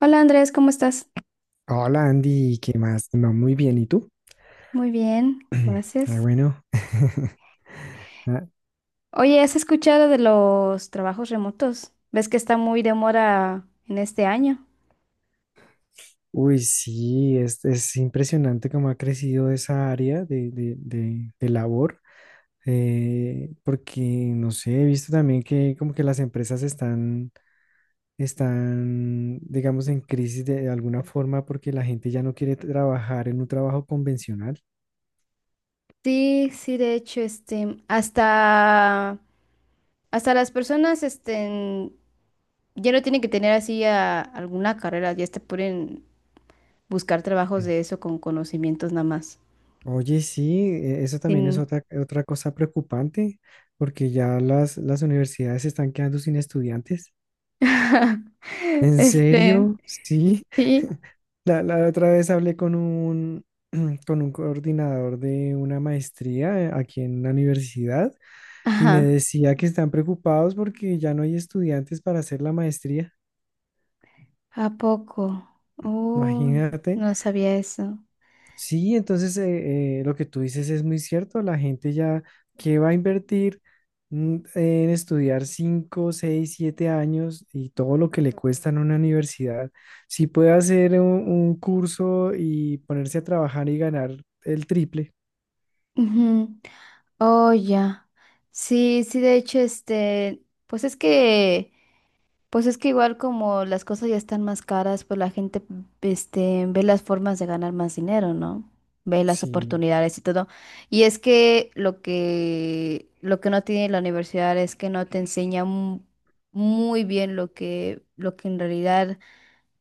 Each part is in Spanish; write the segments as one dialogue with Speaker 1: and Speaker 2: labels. Speaker 1: Hola Andrés, ¿cómo estás?
Speaker 2: Hola Andy, ¿qué más? No, muy bien, ¿y tú?
Speaker 1: Muy bien,
Speaker 2: Ah,
Speaker 1: gracias.
Speaker 2: bueno. Ah,
Speaker 1: Oye, ¿has escuchado de los trabajos remotos? ¿Ves que está muy de moda en este año?
Speaker 2: Uy, sí, es impresionante cómo ha crecido esa área de labor. Porque, no sé, he visto también que como que las empresas están, digamos, en crisis de alguna forma porque la gente ya no quiere trabajar en un trabajo convencional.
Speaker 1: Sí, sí, de hecho, hasta las personas, ya no tienen que tener así alguna carrera, ya te pueden buscar trabajos
Speaker 2: Mm.
Speaker 1: de eso con conocimientos nada más.
Speaker 2: Oye, sí, eso también es
Speaker 1: Sin,
Speaker 2: otra cosa preocupante, porque ya las universidades se están quedando sin estudiantes. ¿En
Speaker 1: este,
Speaker 2: serio? Sí.
Speaker 1: sí,
Speaker 2: La otra vez hablé con un coordinador de una maestría, aquí en la universidad, y me
Speaker 1: ajá,
Speaker 2: decía que están preocupados porque ya no hay estudiantes para hacer la maestría.
Speaker 1: ¿a poco? Oh,
Speaker 2: Imagínate.
Speaker 1: no sabía eso.
Speaker 2: Sí, entonces lo que tú dices es muy cierto. La gente ya que va a invertir, en estudiar 5, 6, 7 años y todo lo que le cuesta en una universidad, si puede hacer un curso y ponerse a trabajar y ganar el triple.
Speaker 1: Ujú. Oh, ya. Sí, sí, de hecho, pues es que igual como las cosas ya están más caras, pues la gente, ve las formas de ganar más dinero, ¿no? Ve las
Speaker 2: Sí,
Speaker 1: oportunidades y todo. Y es que lo que no tiene la universidad es que no te enseña muy bien lo que en realidad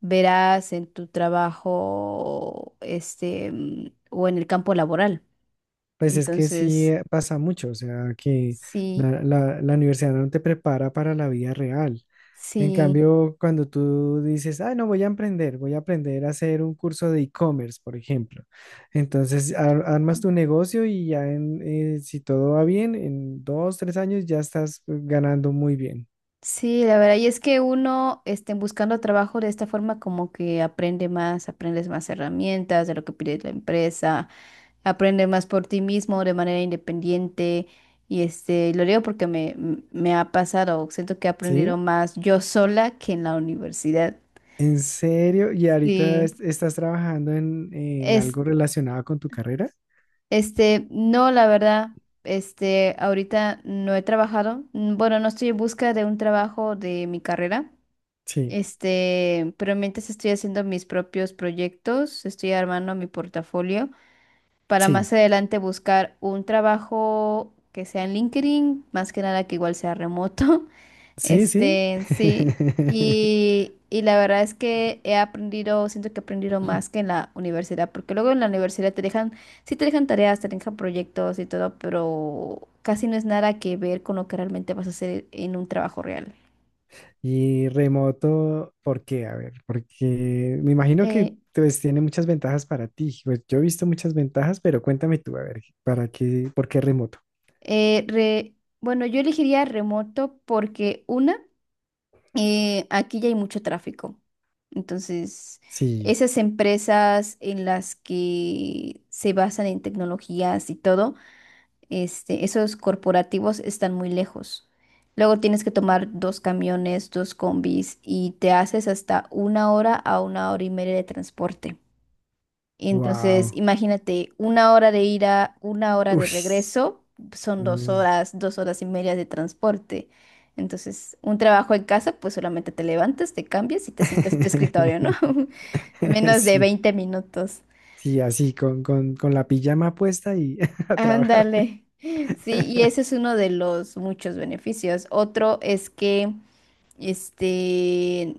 Speaker 1: verás en tu trabajo, o en el campo laboral.
Speaker 2: pues es que sí,
Speaker 1: Entonces...
Speaker 2: pasa mucho. O sea, que
Speaker 1: Sí,
Speaker 2: la universidad no te prepara para la vida real. En
Speaker 1: sí,
Speaker 2: cambio, cuando tú dices, ah, no, voy a emprender, voy a aprender a hacer un curso de e-commerce, por ejemplo. Entonces, armas tu negocio y ya si todo va bien, en 2, 3 años ya estás, ganando muy bien.
Speaker 1: sí, la verdad. Y es que uno, buscando trabajo de esta forma, como que aprende más, aprendes más herramientas de lo que pide la empresa, aprende más por ti mismo de manera independiente. Y lo digo porque me ha pasado, siento que he aprendido
Speaker 2: ¿Sí?
Speaker 1: más yo sola que en la universidad.
Speaker 2: ¿En serio? ¿Y ahorita
Speaker 1: Sí.
Speaker 2: estás trabajando en
Speaker 1: Es,
Speaker 2: algo relacionado con tu carrera?
Speaker 1: no, la verdad. Ahorita no he trabajado. Bueno, no estoy en busca de un trabajo de mi carrera.
Speaker 2: Sí,
Speaker 1: Pero mientras estoy haciendo mis propios proyectos, estoy armando mi portafolio para
Speaker 2: sí,
Speaker 1: más adelante buscar un trabajo que sea en LinkedIn, más que nada que igual sea remoto.
Speaker 2: sí, sí.
Speaker 1: Sí. Y la verdad es que he aprendido, siento que he aprendido más que en la universidad, porque luego en la universidad te dejan, sí te dejan tareas, te dejan proyectos y todo, pero casi no es nada que ver con lo que realmente vas a hacer en un trabajo real.
Speaker 2: Y remoto, ¿por qué? A ver, porque me imagino que
Speaker 1: Eh,
Speaker 2: pues, tiene muchas ventajas para ti. Pues yo he visto muchas ventajas, pero cuéntame tú, a ver, ¿para qué, por qué remoto?
Speaker 1: Bueno, yo elegiría remoto porque una, aquí ya hay mucho tráfico. Entonces,
Speaker 2: Sí,
Speaker 1: esas empresas en las que se basan en tecnologías y todo, esos corporativos están muy lejos. Luego tienes que tomar dos camiones, dos combis y te haces hasta una hora a una hora y media de transporte. Entonces,
Speaker 2: wow.
Speaker 1: imagínate, una hora de ida, una hora de
Speaker 2: Uy.
Speaker 1: regreso, son
Speaker 2: Mm.
Speaker 1: dos horas y media de transporte. Entonces, un trabajo en casa, pues solamente te levantas, te cambias y te sientas en tu escritorio, ¿no? Menos de
Speaker 2: Sí,
Speaker 1: veinte minutos.
Speaker 2: sí, así, con la pijama puesta y a trabajar.
Speaker 1: Ándale. Sí, y ese es uno de los muchos beneficios. Otro es que, este,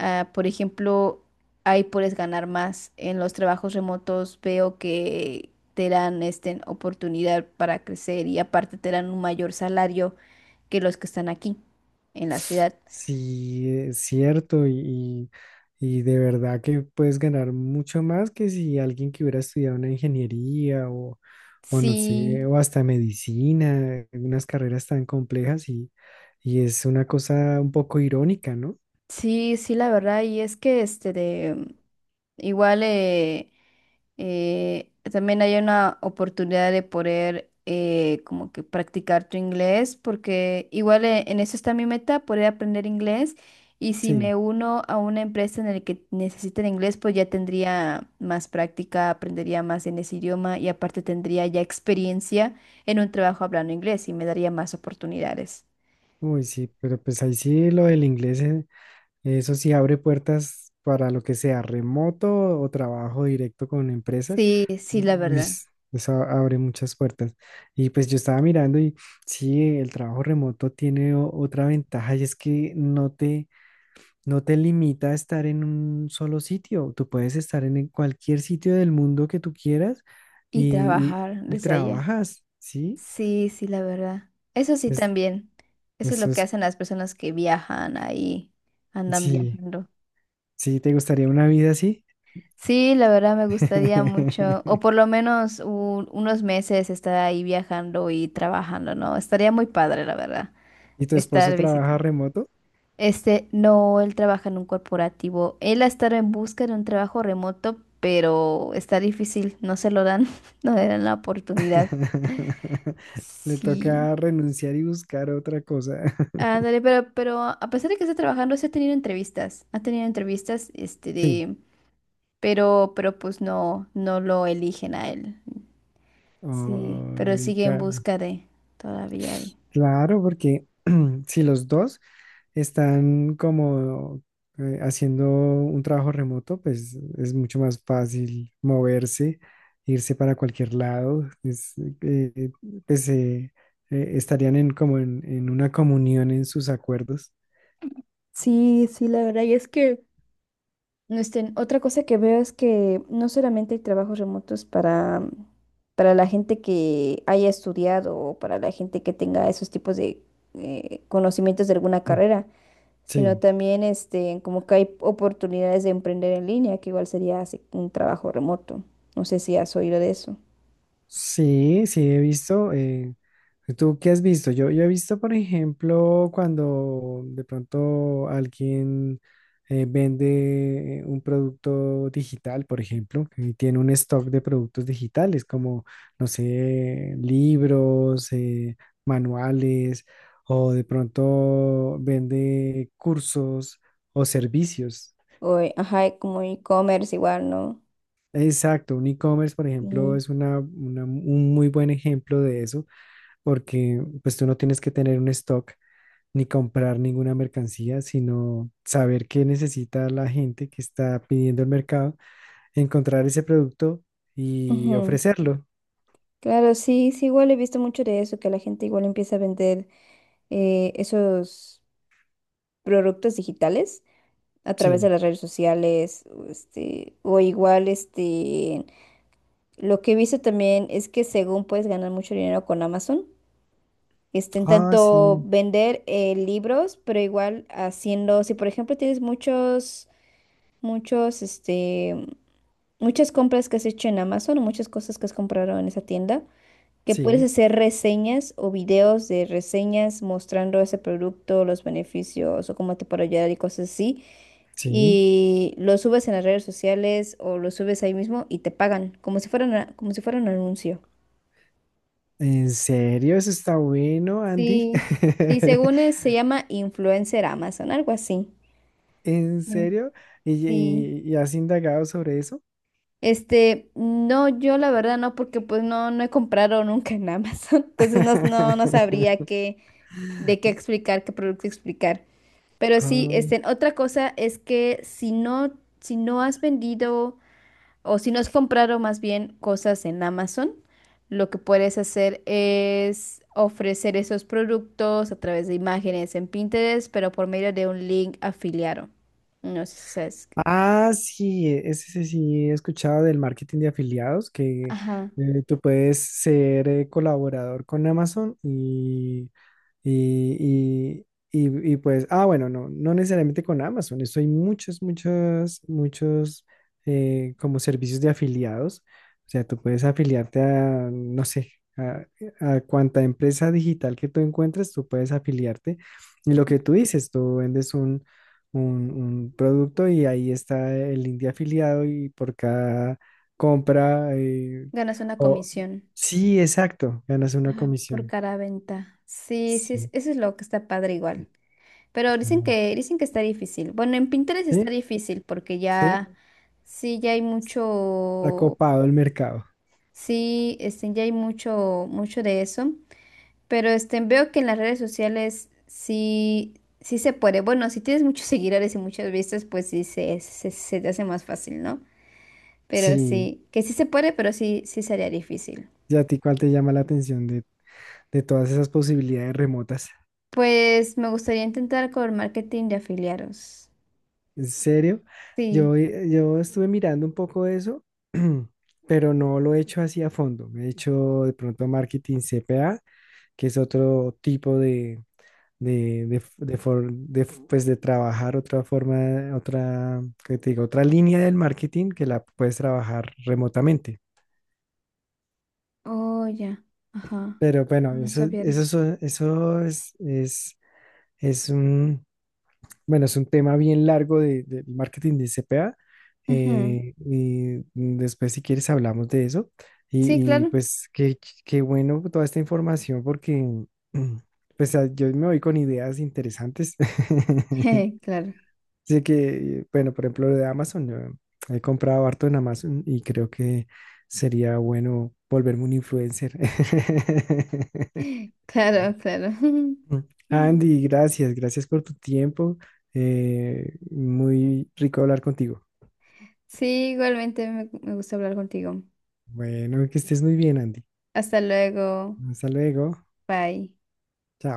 Speaker 1: Por ejemplo, ahí puedes ganar más. En los trabajos remotos veo que te dan oportunidad para crecer y aparte te dan un mayor salario que los que están aquí en la ciudad.
Speaker 2: Sí, es cierto, y de verdad que puedes ganar mucho más que si alguien que hubiera estudiado una ingeniería o no sé,
Speaker 1: Sí,
Speaker 2: o hasta medicina, unas carreras tan complejas, y es una cosa un poco irónica, ¿no?
Speaker 1: sí, la verdad. Y es que este de igual también hay una oportunidad de poder como que practicar tu inglés, porque igual en eso está mi meta, poder aprender inglés. Y si
Speaker 2: Sí,
Speaker 1: me uno a una empresa en la que necesiten inglés, pues ya tendría más práctica, aprendería más en ese idioma y aparte tendría ya experiencia en un trabajo hablando inglés y me daría más oportunidades.
Speaker 2: uy, sí, pero pues ahí sí lo del inglés. Eso sí abre puertas para lo que sea remoto o trabajo directo con empresa.
Speaker 1: Sí, sí, la
Speaker 2: Uy,
Speaker 1: verdad.
Speaker 2: eso abre muchas puertas. Y pues yo estaba mirando y sí, el trabajo remoto tiene otra ventaja, y es que no te limita a estar en un solo sitio. Tú puedes estar en cualquier sitio del mundo que tú quieras,
Speaker 1: Y
Speaker 2: y,
Speaker 1: trabajar
Speaker 2: y- y
Speaker 1: desde allá.
Speaker 2: trabajas, ¿sí?
Speaker 1: Sí, sí, la verdad. Eso sí
Speaker 2: Es-
Speaker 1: también. Eso es lo
Speaker 2: Eso
Speaker 1: que
Speaker 2: es,
Speaker 1: hacen las personas que viajan ahí, andan
Speaker 2: sí,
Speaker 1: viajando.
Speaker 2: sí. ¿Te gustaría una vida así?
Speaker 1: Sí, la verdad me gustaría mucho, o por lo menos unos meses estar ahí viajando y trabajando, ¿no? Estaría muy padre, la verdad,
Speaker 2: ¿Y tu esposo
Speaker 1: estar
Speaker 2: trabaja
Speaker 1: visitando.
Speaker 2: remoto?
Speaker 1: No, él trabaja en un corporativo. Él ha estado en busca de un trabajo remoto, pero está difícil, no se lo dan, no le dan la oportunidad.
Speaker 2: Le
Speaker 1: Sí.
Speaker 2: toca renunciar y buscar otra cosa.
Speaker 1: Ándale, pero a pesar de que está trabajando, sí ha tenido entrevistas. Ha tenido entrevistas,
Speaker 2: Sí.
Speaker 1: pero pues no, no lo eligen a él. Sí, pero
Speaker 2: Ay.
Speaker 1: sigue en busca de, todavía hay.
Speaker 2: Claro, porque si los dos están como, haciendo un trabajo remoto, pues es mucho más fácil moverse, irse para cualquier lado, es, pues, estarían como en una comunión en sus acuerdos.
Speaker 1: Sí, sí, la verdad. Y es que otra cosa que veo es que no solamente hay trabajos remotos para la gente que haya estudiado o para la gente que tenga esos tipos de conocimientos de alguna carrera, sino
Speaker 2: Sí.
Speaker 1: también como que hay oportunidades de emprender en línea, que igual sería así un trabajo remoto. No sé si has oído de eso.
Speaker 2: Sí, sí, he visto. ¿Tú qué has visto? Yo he visto, por ejemplo, cuando de pronto alguien, vende un producto digital, por ejemplo, y tiene un stock de productos digitales como, no sé, libros, manuales, o de pronto vende cursos o servicios.
Speaker 1: Ajá, y como e-commerce igual, ¿no?
Speaker 2: Exacto, un e-commerce, por ejemplo,
Speaker 1: Y,
Speaker 2: es un muy buen ejemplo de eso, porque pues tú no tienes que tener un stock ni comprar ninguna mercancía, sino saber qué necesita la gente que está pidiendo el mercado, encontrar ese producto y
Speaker 1: ujú.
Speaker 2: ofrecerlo.
Speaker 1: Claro, sí, sí, igual he visto mucho de eso, que la gente igual empieza a vender esos productos digitales a través de
Speaker 2: Sí.
Speaker 1: las redes sociales, o lo que he visto también es que según puedes ganar mucho dinero con Amazon.
Speaker 2: Ah,
Speaker 1: Tanto
Speaker 2: sí,
Speaker 1: vender libros, pero igual haciendo, si por ejemplo tienes muchos, este, muchas compras que has hecho en Amazon o muchas cosas que has comprado en esa tienda, que puedes
Speaker 2: sí,
Speaker 1: hacer reseñas o videos de reseñas mostrando ese producto, los beneficios o cómo te puede ayudar y cosas así.
Speaker 2: sí.
Speaker 1: Y lo subes en las redes sociales o lo subes ahí mismo y te pagan, como si fuera un anuncio.
Speaker 2: ¿En serio? Eso está bueno, Andy.
Speaker 1: Sí, sí, según es, se llama influencer Amazon, algo así.
Speaker 2: ¿En
Speaker 1: Sí,
Speaker 2: serio? ¿Y,
Speaker 1: sí.
Speaker 2: y- y has indagado sobre eso?
Speaker 1: No, yo la verdad no, porque pues no, no he comprado nunca en Amazon. Entonces no, no, no sabría de qué explicar, qué producto explicar. Pero sí,
Speaker 2: Ah.
Speaker 1: otra cosa es que si no, si no has vendido o si no has comprado más bien cosas en Amazon, lo que puedes hacer es ofrecer esos productos a través de imágenes en Pinterest, pero por medio de un link afiliado. No sé si sabes.
Speaker 2: Sí, ese sí, sí, he escuchado del marketing de afiliados. Que,
Speaker 1: Ajá.
Speaker 2: tú puedes ser, colaborador con Amazon. Y, pues, ah, bueno, no, no necesariamente con Amazon. Eso hay muchos, muchos, muchos, como servicios de afiliados. O sea, tú puedes afiliarte a, no sé, a cuanta empresa digital que tú encuentres, tú puedes afiliarte. Y lo que tú dices, tú vendes un producto, y ahí está el link de afiliado, y por cada compra,
Speaker 1: Ganas una
Speaker 2: o
Speaker 1: comisión.
Speaker 2: sí, exacto, ganas una
Speaker 1: Ajá. Por
Speaker 2: comisión.
Speaker 1: cada venta. Sí, sí,
Speaker 2: Sí,
Speaker 1: eso es lo que está padre igual. Pero
Speaker 2: no.
Speaker 1: dicen que está difícil. Bueno, en Pinterest
Speaker 2: Sí,
Speaker 1: está difícil porque
Speaker 2: sí,
Speaker 1: ya, sí, ya hay
Speaker 2: está
Speaker 1: mucho,
Speaker 2: copado el mercado.
Speaker 1: sí, ya hay mucho, mucho de eso. Pero veo que en las redes sociales sí, sí se puede. Bueno, si tienes muchos seguidores y muchas vistas, pues sí se te hace más fácil, ¿no? Pero
Speaker 2: Sí.
Speaker 1: sí, que sí se puede, pero sí, sí sería difícil.
Speaker 2: ¿Y a ti cuál te llama la atención de todas esas posibilidades remotas?
Speaker 1: Pues me gustaría intentar con marketing de afiliados.
Speaker 2: ¿En serio?
Speaker 1: Sí.
Speaker 2: Yo, yo estuve mirando un poco eso, pero no lo he hecho así a fondo. Me he hecho de pronto marketing CPA, que es otro tipo de, f- de for- de f- pues de trabajar otra forma, otra. ¿Qué te digo? Otra línea del marketing que la puedes trabajar remotamente.
Speaker 1: Oh, ya. Ajá.
Speaker 2: Pero bueno,
Speaker 1: No
Speaker 2: eso,
Speaker 1: sabía de
Speaker 2: eso,
Speaker 1: eso.
Speaker 2: so- eso es, es, bueno, es un tema bien largo del marketing de C CPA.
Speaker 1: Ujú.
Speaker 2: Y después, si quieres, hablamos de eso.
Speaker 1: Sí, claro.
Speaker 2: Pues, qué bueno toda esta información porque mm, pues yo me voy con ideas interesantes.
Speaker 1: Claro.
Speaker 2: Así que, bueno, por ejemplo, lo de Amazon, yo he comprado harto en Amazon y creo que sería bueno volverme un influencer.
Speaker 1: Claro, claro.
Speaker 2: Mm. Andy, gracias, gracias por tu tiempo. Muy rico hablar contigo.
Speaker 1: Sí, igualmente me gusta hablar contigo.
Speaker 2: Bueno, que estés muy bien, Andy.
Speaker 1: Hasta luego.
Speaker 2: Hasta luego.
Speaker 1: Bye.
Speaker 2: Chao.